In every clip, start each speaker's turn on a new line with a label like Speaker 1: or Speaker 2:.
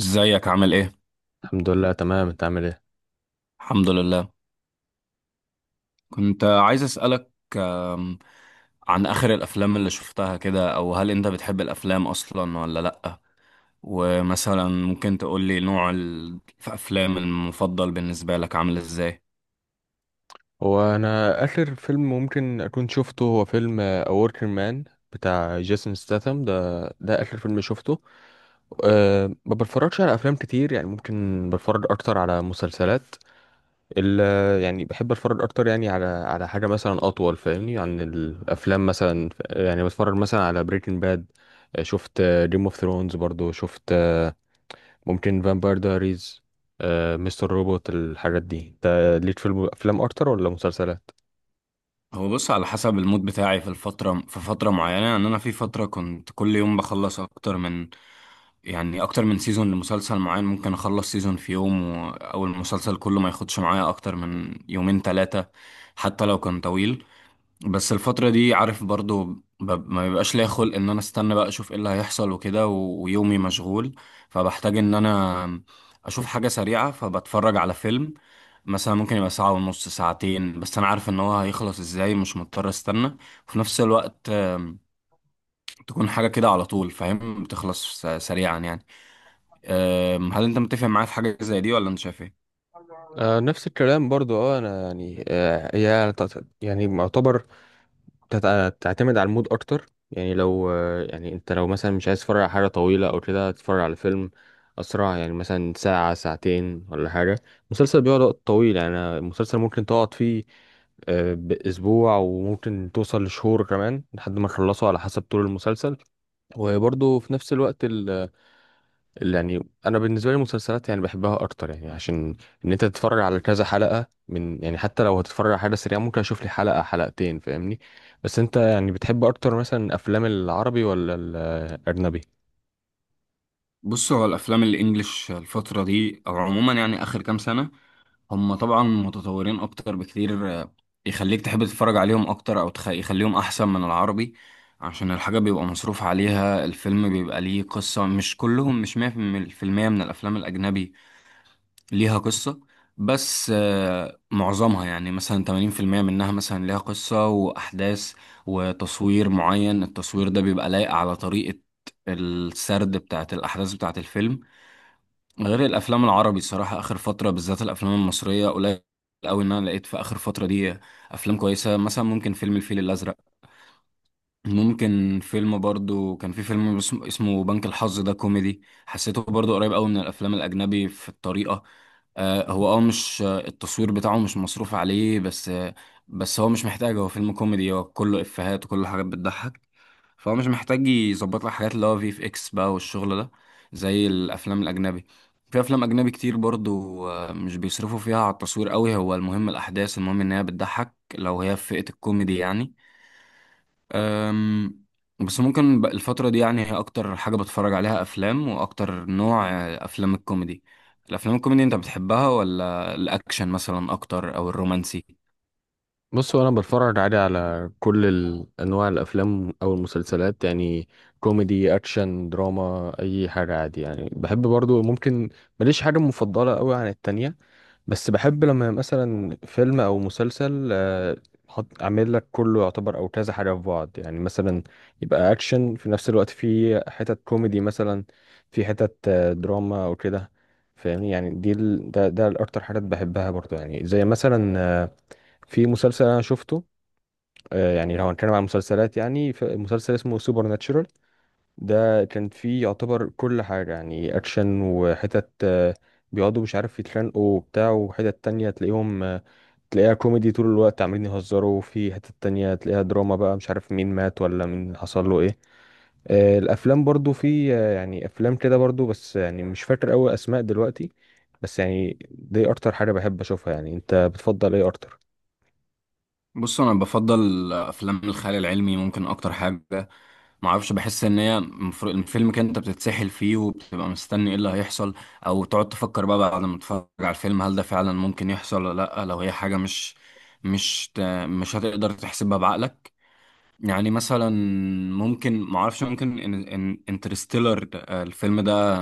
Speaker 1: ازيك عامل ايه؟
Speaker 2: الحمد لله تمام، انت عامل ايه؟
Speaker 1: الحمد لله. كنت عايز اسألك آم، عن اخر الافلام اللي شفتها كده، او هل انت بتحب الافلام اصلا ولا لأ؟ ومثلا ممكن تقول لي نوع الافلام المفضل بالنسبة لك عامل ازاي؟
Speaker 2: هو انا اخر فيلم ممكن اكون شفته هو فيلم اوركر مان بتاع جيسون ستاثام، ده اخر فيلم شفته. أه ما بتفرجش على افلام كتير، يعني ممكن بتفرج اكتر على مسلسلات. ال يعني بحب اتفرج اكتر يعني على حاجه مثلا اطول فاهمني عن الافلام. مثلا يعني بتفرج مثلا على بريكنج باد، شفت جيم اوف ثرونز برضو، شفت ممكن فامباير دايريز، مستر روبوت، الحاجات دي. انت ليك في افلام اكتر ولا مسلسلات؟
Speaker 1: هو بص، على حسب المود بتاعي في فترة معينة. يعني انا في فترة كنت كل يوم بخلص اكتر من سيزون لمسلسل معين، ممكن اخلص سيزون في يوم او المسلسل كله ما ياخدش معايا اكتر من يومين ثلاثة، حتى لو كان طويل. بس الفترة دي، عارف، برضو ما بيبقاش ليا خلق ان انا استنى بقى اشوف ايه اللي هيحصل وكده ويومي مشغول، فبحتاج ان انا اشوف حاجة سريعة فبتفرج على فيلم مثلا. ممكن يبقى ساعة ونص، ساعتين، بس انا عارف ان هو هيخلص ازاي، مش مضطر استنى، وفي نفس الوقت تكون حاجة كده على طول، فاهم، بتخلص سريعا يعني. هل انت متفق معايا في حاجة زي دي ولا انت شايف ايه؟
Speaker 2: آه نفس الكلام برضو. اه انا يعني هي يعني معتبر تعتمد على المود اكتر. يعني لو يعني انت لو مثلا مش عايز تتفرج على حاجه طويله او كده، تتفرج على فيلم اسرع، يعني مثلا ساعه ساعتين ولا حاجه. مسلسل بيقعد وقت طويل، يعني المسلسل ممكن تقعد فيه آه باسبوع، وممكن توصل لشهور كمان لحد ما تخلصه على حسب طول المسلسل. وبرضه في نفس الوقت يعني انا بالنسبه لي المسلسلات يعني بحبها اكتر، يعني عشان ان انت تتفرج على كذا حلقه. من يعني حتى لو هتتفرج على حاجه سريعه ممكن اشوف لي حلقه حلقتين فاهمني. بس انت يعني بتحب اكتر مثلا افلام العربي ولا الاجنبي؟
Speaker 1: بص، هو الافلام الانجليش الفترة دي او عموما يعني اخر كام سنة، هم طبعا متطورين اكتر بكتير، يخليك تحب تتفرج عليهم اكتر، او يخليهم احسن من العربي، عشان الحاجة بيبقى مصروف عليها، الفيلم بيبقى ليه قصة. مش كلهم، مش مية في المية من الافلام الاجنبي ليها قصة، بس معظمها يعني مثلا 80% منها مثلا ليها قصة واحداث وتصوير معين. التصوير ده بيبقى لايق على طريقة السرد بتاعت الاحداث بتاعت الفيلم، غير الافلام العربي. صراحه اخر فتره بالذات الافلام المصريه قليل قوي ان انا لقيت في اخر فتره دي افلام كويسه. مثلا ممكن فيلم الفيل الازرق، ممكن فيلم، برضو كان في فيلم اسمه بنك الحظ، ده كوميدي، حسيته برضو قريب قوي من الافلام الاجنبي في الطريقه. هو مش، التصوير بتاعه مش مصروف عليه بس. بس هو مش محتاج، هو فيلم كوميدي، هو كله افيهات وكله حاجات بتضحك، فهو مش محتاج يظبط لك حاجات اللي هو في FX بقى والشغل ده، زي الافلام الاجنبي. في افلام اجنبي كتير برضو، مش بيصرفوا فيها على التصوير قوي، هو المهم الاحداث، المهم ان هي بتضحك لو هي في فئة الكوميدي يعني. أم، بس ممكن الفترة دي يعني هي اكتر حاجة بتفرج عليها افلام، واكتر نوع افلام الكوميدي. الافلام الكوميدي انت بتحبها ولا الاكشن مثلا اكتر او الرومانسي؟
Speaker 2: بص انا بتفرج عادي على كل انواع الافلام او المسلسلات، يعني كوميدي اكشن دراما اي حاجه عادي يعني. بحب برضو ممكن، ماليش حاجه مفضله قوي عن التانية. بس بحب لما مثلا فيلم او مسلسل حط عامل لك كله يعتبر او كذا حاجه في بعض، يعني مثلا يبقى اكشن في نفس الوقت في حتت كوميدي مثلا، في حتت دراما او كده. فاهمني يعني دي ال... ده ده الاكتر حاجات بحبها برضو. يعني زي مثلا آه، في مسلسل انا شفته، يعني لو هنتكلم عن مسلسلات، يعني في مسلسل اسمه سوبر ناتشورال، ده كان فيه يعتبر كل حاجة، يعني أكشن وحتت بيقعدوا مش عارف يتخانقوا وبتاع، وحتت تانية تلاقيهم تلاقيها كوميدي طول الوقت عمالين يهزروا، وفي حتت تانية تلاقيها دراما بقى مش عارف مين مات ولا مين حصل له ايه. الأفلام برضو في يعني أفلام كده برضو، بس يعني مش فاكر أوي أسماء دلوقتي. بس يعني دي أكتر حاجة بحب أشوفها. يعني أنت بتفضل ايه أكتر؟
Speaker 1: بص، انا بفضل افلام الخيال العلمي، ممكن اكتر حاجه. ما اعرفش، بحس ان هي الفيلم كده انت بتتسحل فيه وبتبقى مستني ايه اللي هيحصل، او تقعد تفكر بقى بعد ما تتفرج على الفيلم هل ده فعلا ممكن يحصل ولا لا، لو هي حاجه مش ت- مش هتقدر تحسبها بعقلك. يعني مثلا، ممكن، ما اعرفش، ممكن ان انترستيلر الفيلم ده،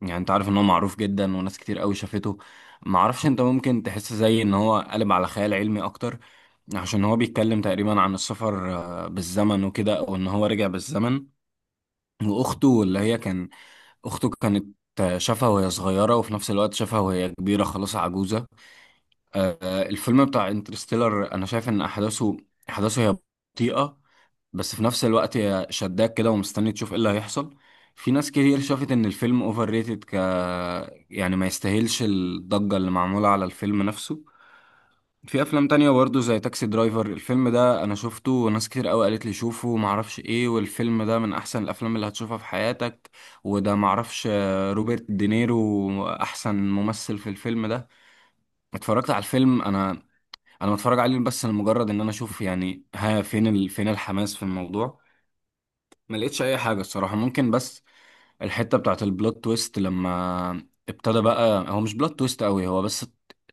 Speaker 1: يعني انت عارف ان هو معروف جدا وناس كتير قوي شافته. ما اعرفش انت ممكن تحس زي ان هو قلب على خيال علمي اكتر، عشان هو بيتكلم تقريبا عن السفر بالزمن وكده، او ان هو رجع بالزمن، واخته اللي هي كان اخته كانت شافها وهي صغيرة وفي نفس الوقت شافها وهي كبيرة خلاص عجوزة. الفيلم بتاع انترستيلر انا شايف ان احداثه هي بطيئة، بس في نفس الوقت هي شداك كده ومستني تشوف ايه اللي هيحصل. في ناس كتير شافت ان الفيلم اوفر ريتد يعني ما يستاهلش الضجة اللي معمولة على الفيلم نفسه. في افلام تانية برضه زي تاكسي درايفر، الفيلم ده انا شفته وناس كتير قوي قالت لي شوفه ومعرفش ايه، والفيلم ده من احسن الافلام اللي هتشوفها في حياتك، وده معرفش روبرت دينيرو احسن ممثل في الفيلم ده. اتفرجت على الفيلم انا، انا بتفرج عليه بس لمجرد ان انا اشوف، يعني ها، فين فين الحماس في الموضوع. ما لقيتش اي حاجه الصراحه، ممكن بس الحته بتاعت البلوت تويست لما ابتدى بقى. هو مش بلوت تويست قوي، هو بس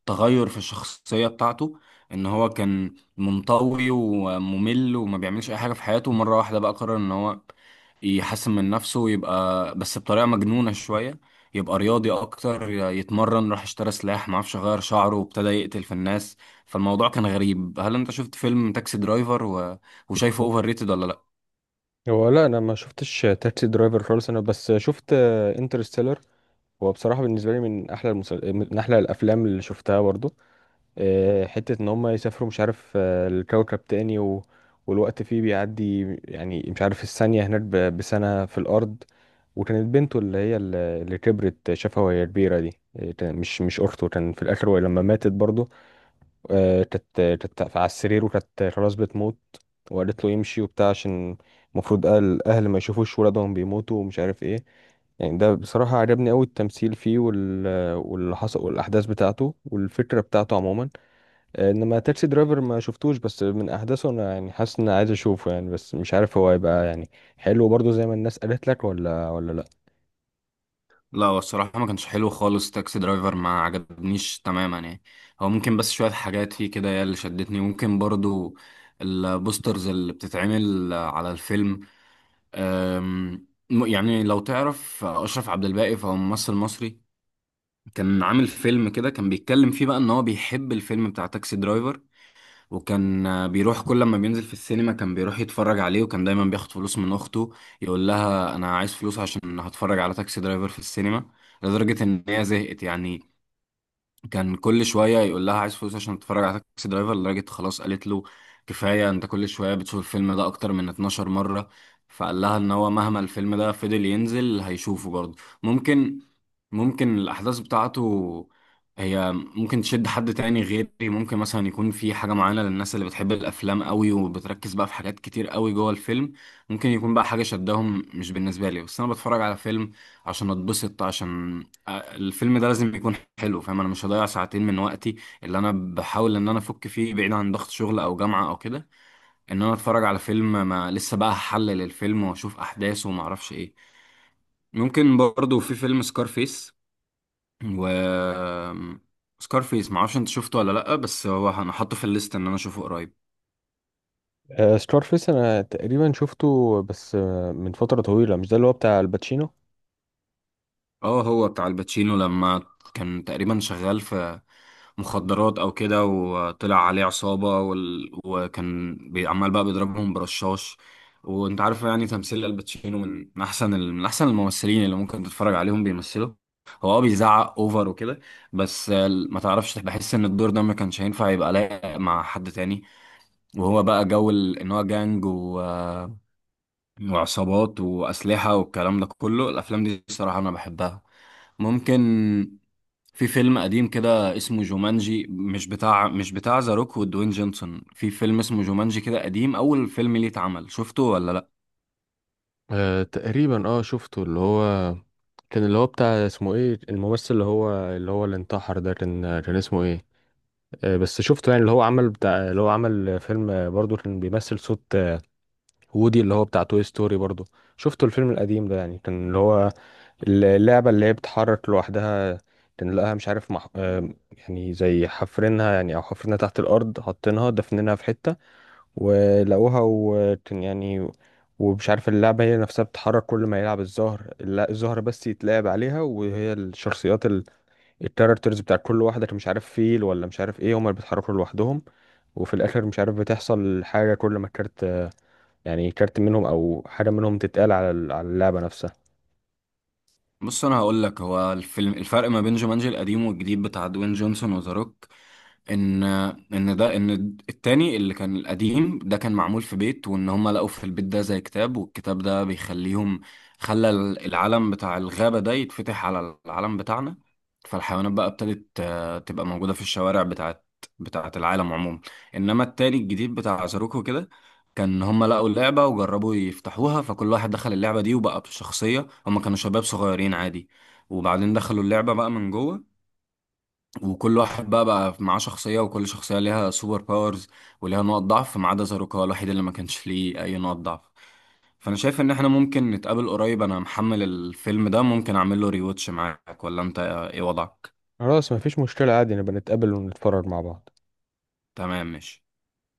Speaker 1: تغير في الشخصيه بتاعته، ان هو كان منطوي وممل وما بيعملش اي حاجه في حياته، ومره واحده بقى قرر ان هو يحسن من نفسه ويبقى، بس بطريقه مجنونه شويه، يبقى رياضي اكتر، يتمرن، راح اشترى سلاح معرفش، غير شعره وابتدى يقتل في الناس. فالموضوع كان غريب. هل انت شفت فيلم تاكسي درايفر وشايفه اوفر ريتد ولا لا؟
Speaker 2: هو لا، أنا ما شفتش تاكسي درايفر خالص، أنا بس شفت انترستيلر. هو بصراحة بالنسبة لي من من أحلى الأفلام اللي شفتها برضو. حتة إن هما يسافروا مش عارف الكوكب تاني والوقت فيه بيعدي، يعني مش عارف الثانية هناك بسنة في الأرض. وكانت بنته اللي هي اللي كبرت شافها وهي كبيرة دي، مش أخته. كان في الآخر وهي لما ماتت برضو، كانت على السرير وكانت خلاص بتموت، وقالت له يمشي وبتاع، عشان المفروض الاهل ما يشوفوش ولادهم بيموتوا ومش عارف ايه. يعني ده بصراحة عجبني أوي التمثيل فيه واللي حصل والأحداث بتاعته والفكرة بتاعته عموما. إنما تاكسي درايفر ما شفتوش، بس من أحداثه أنا يعني حاسس إن عايز أشوفه، يعني بس مش عارف هو هيبقى يعني حلو برضه زي ما الناس قالت لك ولا لأ.
Speaker 1: لا هو الصراحة ما كانش حلو خالص، تاكسي درايفر ما عجبنيش تماما يعني. هو ممكن بس شوية حاجات فيه كده هي اللي شدتني، ممكن برضو البوسترز اللي بتتعمل على الفيلم. يعني لو تعرف أشرف عبد الباقي، فهو ممثل مصري كان عامل فيلم كده كان بيتكلم فيه بقى إن هو بيحب الفيلم بتاع تاكسي درايفر، وكان بيروح كل ما بينزل في السينما كان بيروح يتفرج عليه، وكان دايما بياخد فلوس من اخته يقول لها انا عايز فلوس عشان هتفرج على تاكسي درايفر في السينما، لدرجة ان هي زهقت يعني، كان كل شوية يقول لها عايز فلوس عشان تتفرج على تاكسي درايفر، لدرجة خلاص قالت له كفاية، انت كل شوية بتشوف الفيلم ده اكتر من 12 مرة. فقال لها ان هو مهما الفيلم ده فضل ينزل هيشوفه برضه. ممكن ممكن الاحداث بتاعته هي ممكن تشد حد تاني غيري. ممكن مثلا يكون في حاجة معينة للناس اللي بتحب الافلام قوي وبتركز بقى في حاجات كتير قوي جوه الفيلم، ممكن يكون بقى حاجة شدهم. مش بالنسبة لي، بس انا بتفرج على فيلم عشان اتبسط، عشان الفيلم ده لازم يكون حلو، فاهم. انا مش هضيع ساعتين من وقتي اللي انا بحاول ان انا افك فيه بعيد عن ضغط شغل او جامعة او كده، ان انا اتفرج على فيلم ما لسه بقى هحلل الفيلم واشوف احداثه وما اعرفش ايه. ممكن برضو في فيلم سكارفيس، و سكارفيس ما اعرفش انت شفته ولا لا، بس هو انا حاطه في الليست ان انا اشوفه قريب.
Speaker 2: ستار فيس أنا تقريبا شفته، بس من فترة طويلة. مش ده اللي هو بتاع الباتشينو؟
Speaker 1: اه هو بتاع الباتشينو، لما كان تقريبا شغال في مخدرات او كده، وطلع عليه عصابة وكان عمال بقى بيضربهم برشاش. وانت عارف يعني تمثيل الباتشينو من احسن الممثلين اللي ممكن تتفرج عليهم بيمثلوا. هو بيزعق اوفر وكده، بس ما تعرفش، بحس ان الدور ده ما كانش هينفع يبقى لايق مع حد تاني. وهو بقى جو ان هو جانج وعصابات واسلحة والكلام ده كله، الافلام دي الصراحة انا بحبها. ممكن، في فيلم قديم كده اسمه جومانجي، مش بتاع ذا روك ودوين جونسون، في فيلم اسمه جومانجي كده قديم اول فيلم ليه اتعمل، شفته ولا لا؟
Speaker 2: آه تقريبا اه شفته. اللي هو كان اللي هو بتاع اسمه ايه، الممثل اللي هو اللي انتحر ده، كان كان اسمه ايه. آه بس شفته، يعني اللي هو عمل فيلم برضه كان بيمثل صوت وودي اللي هو بتاع توي ستوري برضه. شفته الفيلم القديم ده، يعني كان اللي هو اللعبة اللي هي بتتحرك لوحدها، كان لقاها مش عارف مح... آه، يعني زي حفرينها، يعني او حفرينها تحت الارض حاطينها دفنينها في حتة ولقوها. وكان يعني ومش عارف اللعبة هي نفسها بتتحرك كل ما يلعب الزهر، الزهر بس يتلعب عليها، وهي الشخصيات الكاركترز بتاع كل واحدة، كان مش عارف فيل ولا مش عارف ايه، هما اللي بيتحركوا لوحدهم. وفي الآخر مش عارف بتحصل حاجة كل ما كارت، يعني كارت منهم أو حاجة منهم تتقال على على اللعبة نفسها.
Speaker 1: بص، انا هقول لك، هو الفيلم الفرق ما بين جومانجي القديم والجديد بتاع دوين جونسون وذا روك، ان ان التاني اللي كان القديم ده كان معمول في بيت، وان هم لقوا في البيت ده زي كتاب، والكتاب ده خلى العالم بتاع الغابة ده يتفتح على العالم بتاعنا، فالحيوانات بقى ابتدت تبقى موجودة في الشوارع بتاعت العالم عموما. انما التاني الجديد بتاع زاروكو كده، كان هم لقوا اللعبة وجربوا يفتحوها، فكل واحد دخل اللعبة دي وبقى بشخصية، هم كانوا شباب صغيرين عادي، وبعدين دخلوا اللعبة بقى من جوه، وكل واحد بقى معاه شخصية، وكل شخصية ليها سوبر باورز وليها نقط ضعف، ما عدا زاروكا الوحيد اللي ما كانش ليه أي نقط ضعف. فأنا شايف إن إحنا ممكن نتقابل قريب، أنا محمل الفيلم ده، ممكن أعمل له ريواتش معاك، ولا أنت إيه وضعك؟
Speaker 2: خلاص مفيش مشكلة عادي، نبقى نتقابل ونتفرج مع بعض.
Speaker 1: تمام، ماشي.